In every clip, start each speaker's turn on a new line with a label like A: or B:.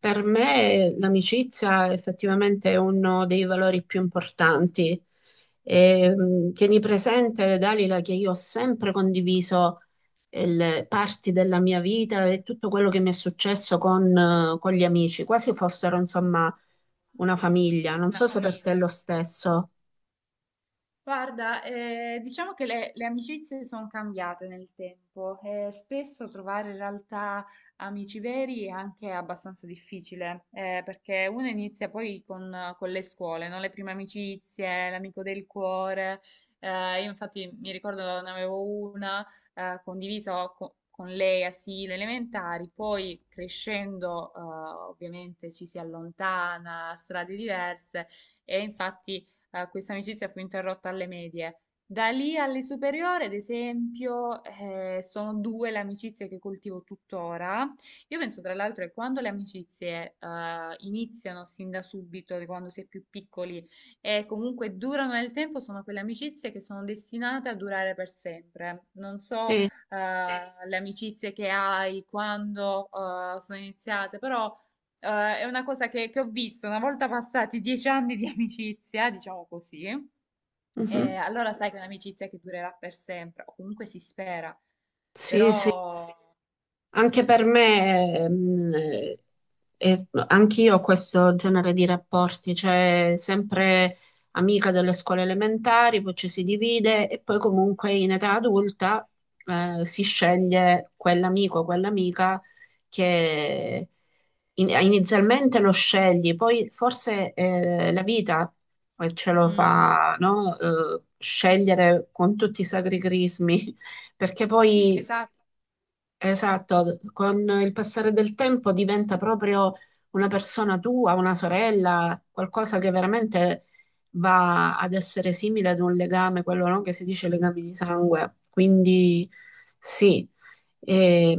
A: Per me l'amicizia effettivamente è uno dei valori più importanti. E, tieni presente, Dalila, che io ho sempre condiviso le parti della mia vita e tutto quello che mi è successo con gli amici, quasi fossero insomma una famiglia. Non
B: Una
A: so se per te è
B: famiglia.
A: lo stesso.
B: Guarda, diciamo che le amicizie sono cambiate nel tempo e spesso trovare in realtà amici veri è anche abbastanza difficile, perché uno inizia poi con le scuole, no? Le prime amicizie, l'amico del cuore. Io infatti mi ricordo ne avevo una condivisa con lei a sì, le elementari, poi crescendo ovviamente ci si allontana, strade diverse. E infatti questa amicizia fu interrotta alle medie. Da lì alle superiori, ad esempio, sono due le amicizie che coltivo tuttora. Io penso tra l'altro che quando le amicizie iniziano sin da subito, di quando si è più piccoli e comunque durano nel tempo, sono quelle amicizie che sono destinate a durare per sempre. Non so
A: Sì,
B: le amicizie che hai quando sono iniziate, però è una cosa che ho visto una volta passati 10 anni di amicizia, diciamo così, e
A: mhm.
B: allora sai che è un'amicizia che durerà per sempre, o comunque si spera,
A: Sì, sì.
B: però.
A: Anche per me, anch'io ho questo genere di rapporti, cioè sempre amica delle scuole elementari, poi ci si divide e poi comunque in età adulta si sceglie quell'amico o quell'amica che inizialmente lo scegli, poi forse la vita ce lo
B: Mm,
A: fa, no? Scegliere con tutti i sacri crismi perché poi,
B: esatto.
A: esatto, con il passare del tempo diventa proprio una persona tua, una sorella, qualcosa che veramente va ad essere simile ad un legame, quello no, che si dice legami di sangue. Quindi sì,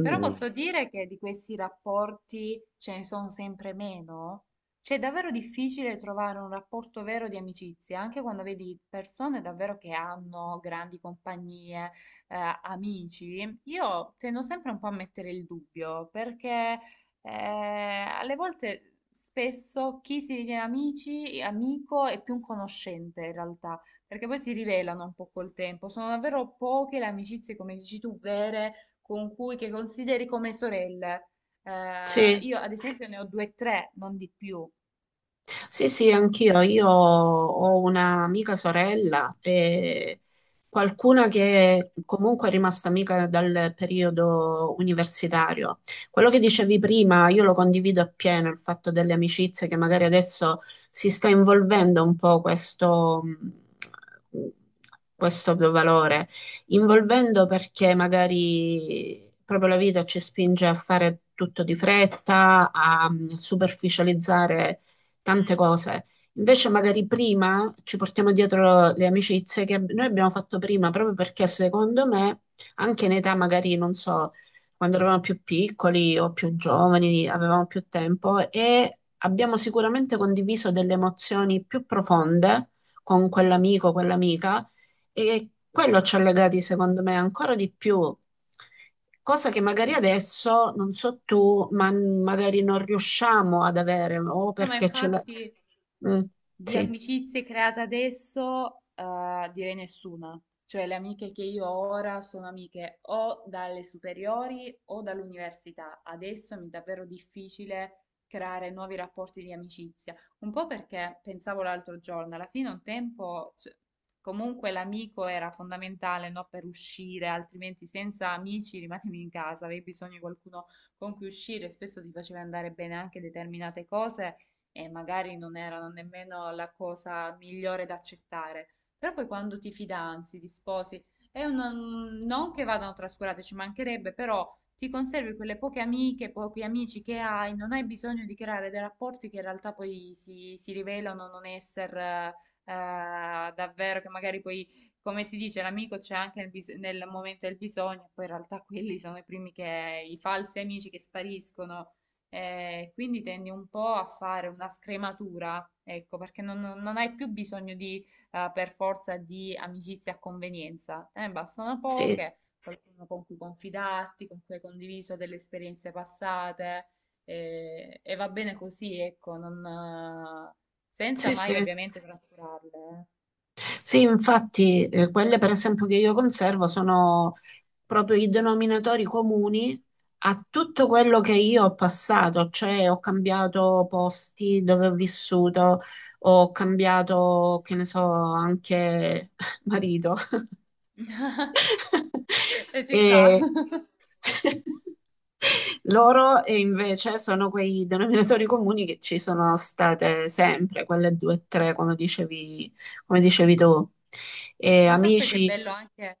B: Però posso dire che di questi rapporti ce ne sono sempre meno. C'è davvero difficile trovare un rapporto vero di amicizia, anche quando vedi persone davvero che hanno grandi compagnie, amici. Io tendo sempre un po' a mettere il dubbio, perché alle volte spesso chi si ritiene amici, amico è più un conoscente in realtà, perché poi si rivelano un po' col tempo. Sono davvero poche le amicizie, come dici tu, vere con cui, che consideri come sorelle.
A: sì.
B: Io ad esempio ne ho due o tre, non di più.
A: Sì, sì, anch'io. Io ho un'amica sorella e qualcuna che comunque è rimasta amica dal periodo universitario. Quello che dicevi prima, io lo condivido appieno, il fatto delle amicizie che magari adesso si sta involvendo un po' questo, mh, questo valore, involvendo perché magari proprio la vita ci spinge a fare tutto di fretta, a superficializzare tante cose. Invece magari prima ci portiamo dietro le amicizie che noi abbiamo fatto prima, proprio perché secondo me, anche in età magari, non so, quando eravamo più piccoli o più giovani, avevamo più tempo e abbiamo sicuramente condiviso delle emozioni più profonde con quell'amico, quell'amica e quello ci ha legati, secondo me, ancora di più. Cosa che magari
B: Sì.
A: adesso, non so tu, ma magari non riusciamo ad avere, o
B: No, ma
A: perché ce la...
B: infatti
A: Mm,
B: di
A: sì,
B: amicizie create adesso, direi nessuna. Cioè, le amiche che io ho ora sono amiche o dalle superiori o dall'università. Adesso mi è davvero difficile creare nuovi rapporti di amicizia. Un po' perché pensavo l'altro giorno, alla fine un tempo, cioè, comunque l'amico era fondamentale, no, per uscire, altrimenti senza amici rimanevi in casa, avevi bisogno di qualcuno con cui uscire, spesso ti faceva andare bene anche determinate cose e magari non erano nemmeno la cosa migliore da accettare. Però poi quando ti fidanzi, ti sposi, non che vadano trascurate, ci mancherebbe, però ti conservi quelle poche amiche, pochi amici che hai, non hai bisogno di creare dei rapporti che in realtà poi si rivelano non essere davvero, che magari poi, come si dice, l'amico c'è anche nel, nel momento del bisogno, poi in realtà quelli sono i primi che, i falsi amici che spariscono. Quindi tendi un po' a fare una scrematura, ecco, perché non, non hai più bisogno di, per forza, di amicizie a convenienza, te ne bastano
A: sì,
B: poche, qualcuno con cui confidarti, con cui hai condiviso delle esperienze passate, e va bene così, ecco, non, senza
A: sì,
B: mai
A: sì.
B: ovviamente trascurarle.
A: Sì, infatti, quelle per esempio che io conservo sono proprio i denominatori comuni a tutto quello che io ho passato, cioè ho cambiato posti dove ho vissuto, ho cambiato, che ne so, anche marito.
B: Eh. E ci sta.
A: E loro invece sono quei denominatori comuni che ci sono state sempre, quelle due o tre, come dicevi tu. E
B: Ma sai poi che
A: amici,
B: bello anche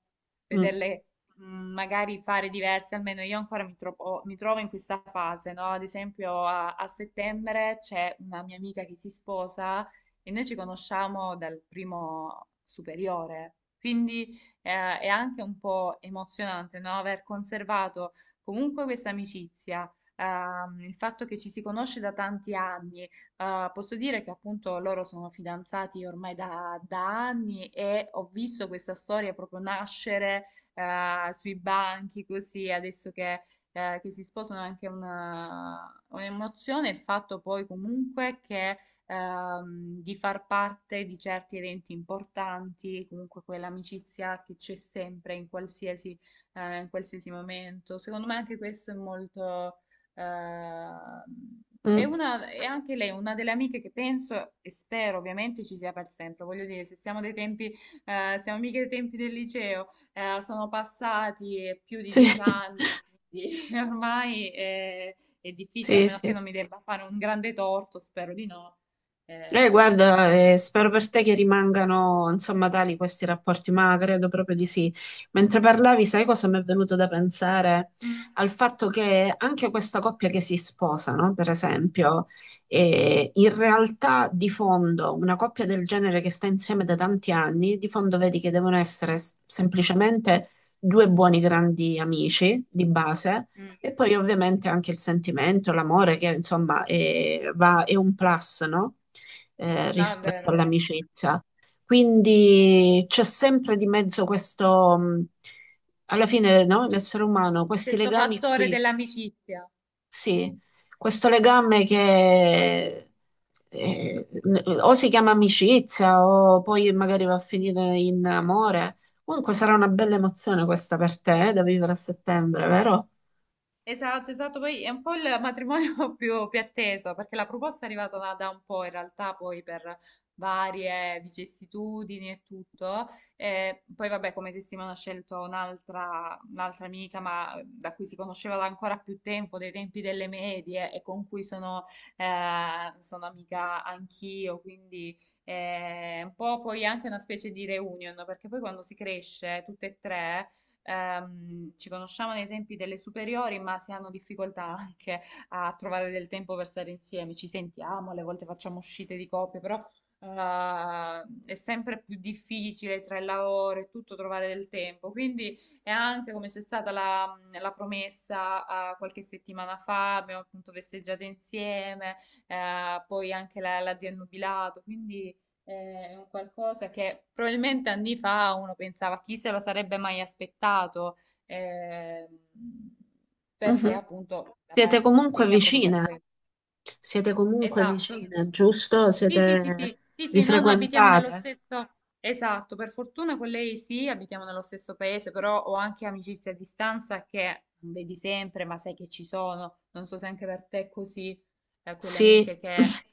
A: mm,
B: vederle, mh, magari fare diverse, almeno io ancora mi trovo in questa fase, no? Ad esempio a settembre c'è una mia amica che si sposa e noi ci conosciamo dal primo superiore, quindi è anche un po' emozionante, no? Aver conservato comunque questa amicizia, il fatto che ci si conosce da tanti anni. Posso dire che appunto loro sono fidanzati ormai da anni e ho visto questa storia proprio nascere sui banchi così. Adesso che si sposano è anche una, un'emozione. Il fatto poi comunque che di far parte di certi eventi importanti, comunque quell'amicizia che c'è sempre in qualsiasi momento. Secondo me anche questo è molto. Ehm, è
A: mm,
B: una, è anche lei una delle amiche che penso e spero ovviamente ci sia per sempre. Voglio dire, se siamo dei tempi, siamo mica dei tempi del liceo, sono passati più di
A: sì,
B: 10 anni, quindi ormai è difficile,
A: sì,
B: almeno che
A: sì.
B: non mi debba fare un grande torto, spero di no. Eh.
A: Guarda, spero per te che rimangano, insomma, tali questi rapporti, ma credo proprio di sì. Mentre parlavi, sai cosa mi è venuto da pensare?
B: Mm,
A: Al fatto che anche questa coppia che si sposa, no? Per esempio, in realtà di fondo, una coppia del genere che sta insieme da tanti anni, di fondo vedi che devono essere semplicemente due buoni grandi amici di base.
B: mm.
A: E poi ovviamente anche il sentimento, l'amore che insomma è, è un plus, no? Eh,
B: No, è
A: rispetto
B: vero.
A: all'amicizia. Quindi c'è sempre di mezzo questo, alla fine, no? L'essere umano, questi
B: Questo
A: legami
B: fattore
A: qui,
B: dell'amicizia.
A: sì, questo legame che o si chiama amicizia o poi magari va a finire in amore. Comunque sarà una bella emozione questa per te, da vivere a settembre, vero?
B: Esatto, esatto, poi è un po' il matrimonio più atteso, perché la proposta è arrivata da un po' in realtà, poi per varie vicissitudini e tutto. Poi vabbè, come testimone ho scelto un'altra amica, ma da cui si conosceva da ancora più tempo, dei tempi delle medie, e con cui sono, sono amica anch'io, quindi un po' poi anche una specie di reunion, perché poi quando si cresce tutte e tre ci conosciamo nei tempi delle superiori, ma si hanno difficoltà anche a trovare del tempo per stare insieme. Ci sentiamo, alle volte facciamo uscite di coppia, però eh, è sempre più difficile tra il lavoro e tutto trovare del tempo. Quindi è anche come c'è stata la promessa, qualche settimana fa, abbiamo appunto festeggiato insieme, poi anche la di annubilato, quindi è un qualcosa che probabilmente anni fa uno pensava chi se lo sarebbe mai aspettato, ehm, perché
A: Mhm.
B: appunto da
A: Siete
B: parte
A: comunque
B: mia proprio per
A: vicine,
B: questo. Esatto.
A: giusto?
B: Sì, sì, sì,
A: Siete...
B: sì, sì,
A: Vi
B: sì, no, no, abitiamo nello
A: frequentate?
B: stesso. Esatto, per fortuna con lei sì, abitiamo nello stesso paese, però ho anche amicizie a distanza che non vedi sempre, ma sai che ci sono. Non so se anche per te è così, quelle
A: Sì,
B: amiche che,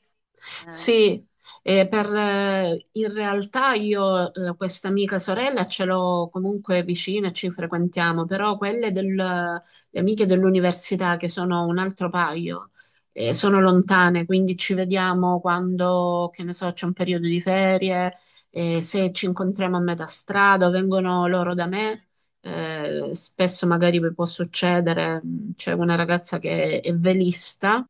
B: mm,
A: sì, in realtà io questa amica sorella ce l'ho comunque vicina e ci frequentiamo, però quelle le amiche dell'università che sono un altro paio, sono lontane, quindi ci vediamo quando, che ne so, c'è un periodo di ferie, se ci incontriamo a metà strada o vengono loro da me. Spesso magari può succedere, c'è una ragazza che è velista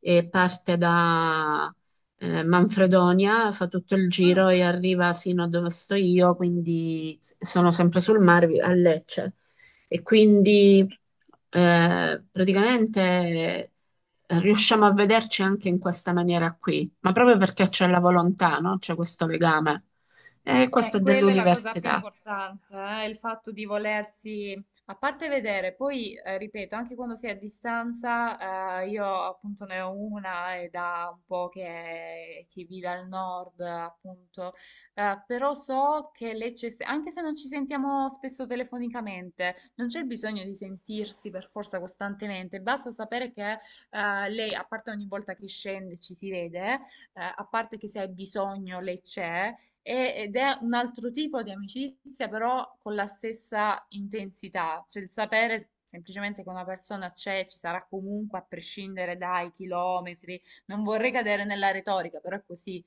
A: e parte da Manfredonia, fa tutto il
B: no,
A: giro
B: no.
A: e arriva sino a dove sto io, quindi sono sempre sul mare a Lecce. E quindi eh, praticamente riusciamo a vederci anche in questa maniera qui, ma proprio perché c'è la volontà, no? C'è questo legame. E questo è
B: Quella è la cosa più
A: dell'università.
B: importante, il fatto di volersi, a parte vedere, poi ripeto, anche quando si è a distanza, io appunto ne ho una e da un po' che vive al nord, appunto, però so che lei c'è, anche se non ci sentiamo spesso telefonicamente, non c'è bisogno di sentirsi per forza costantemente, basta sapere che lei, a parte ogni volta che scende ci si vede, a parte che se hai bisogno lei c'è. Ed è un altro tipo di amicizia, però con la stessa intensità, cioè il sapere semplicemente che una persona c'è, ci sarà comunque a prescindere dai chilometri. Non vorrei cadere nella retorica, però è così.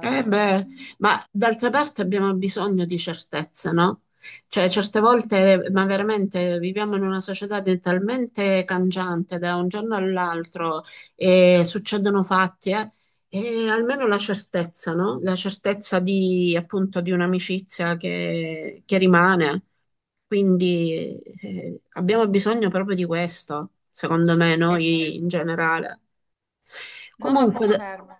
A: Eh beh, ma d'altra parte abbiamo bisogno di certezze, no? Cioè, certe volte, ma veramente viviamo in una società talmente cangiante da un giorno all'altro e succedono fatti, e almeno la certezza, no? La certezza di, appunto, di un'amicizia che rimane. Quindi, abbiamo bisogno proprio di questo, secondo me, noi in
B: esatto.
A: generale.
B: No, ma
A: Comunque.
B: confermo.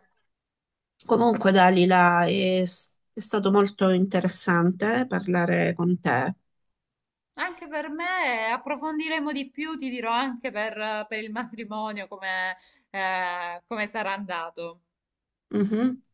A: Comunque, Dalila, è, è stato molto interessante parlare con te.
B: Anche per me, approfondiremo di più, ti dirò anche per il matrimonio come, come sarà andato.
A: Mhm.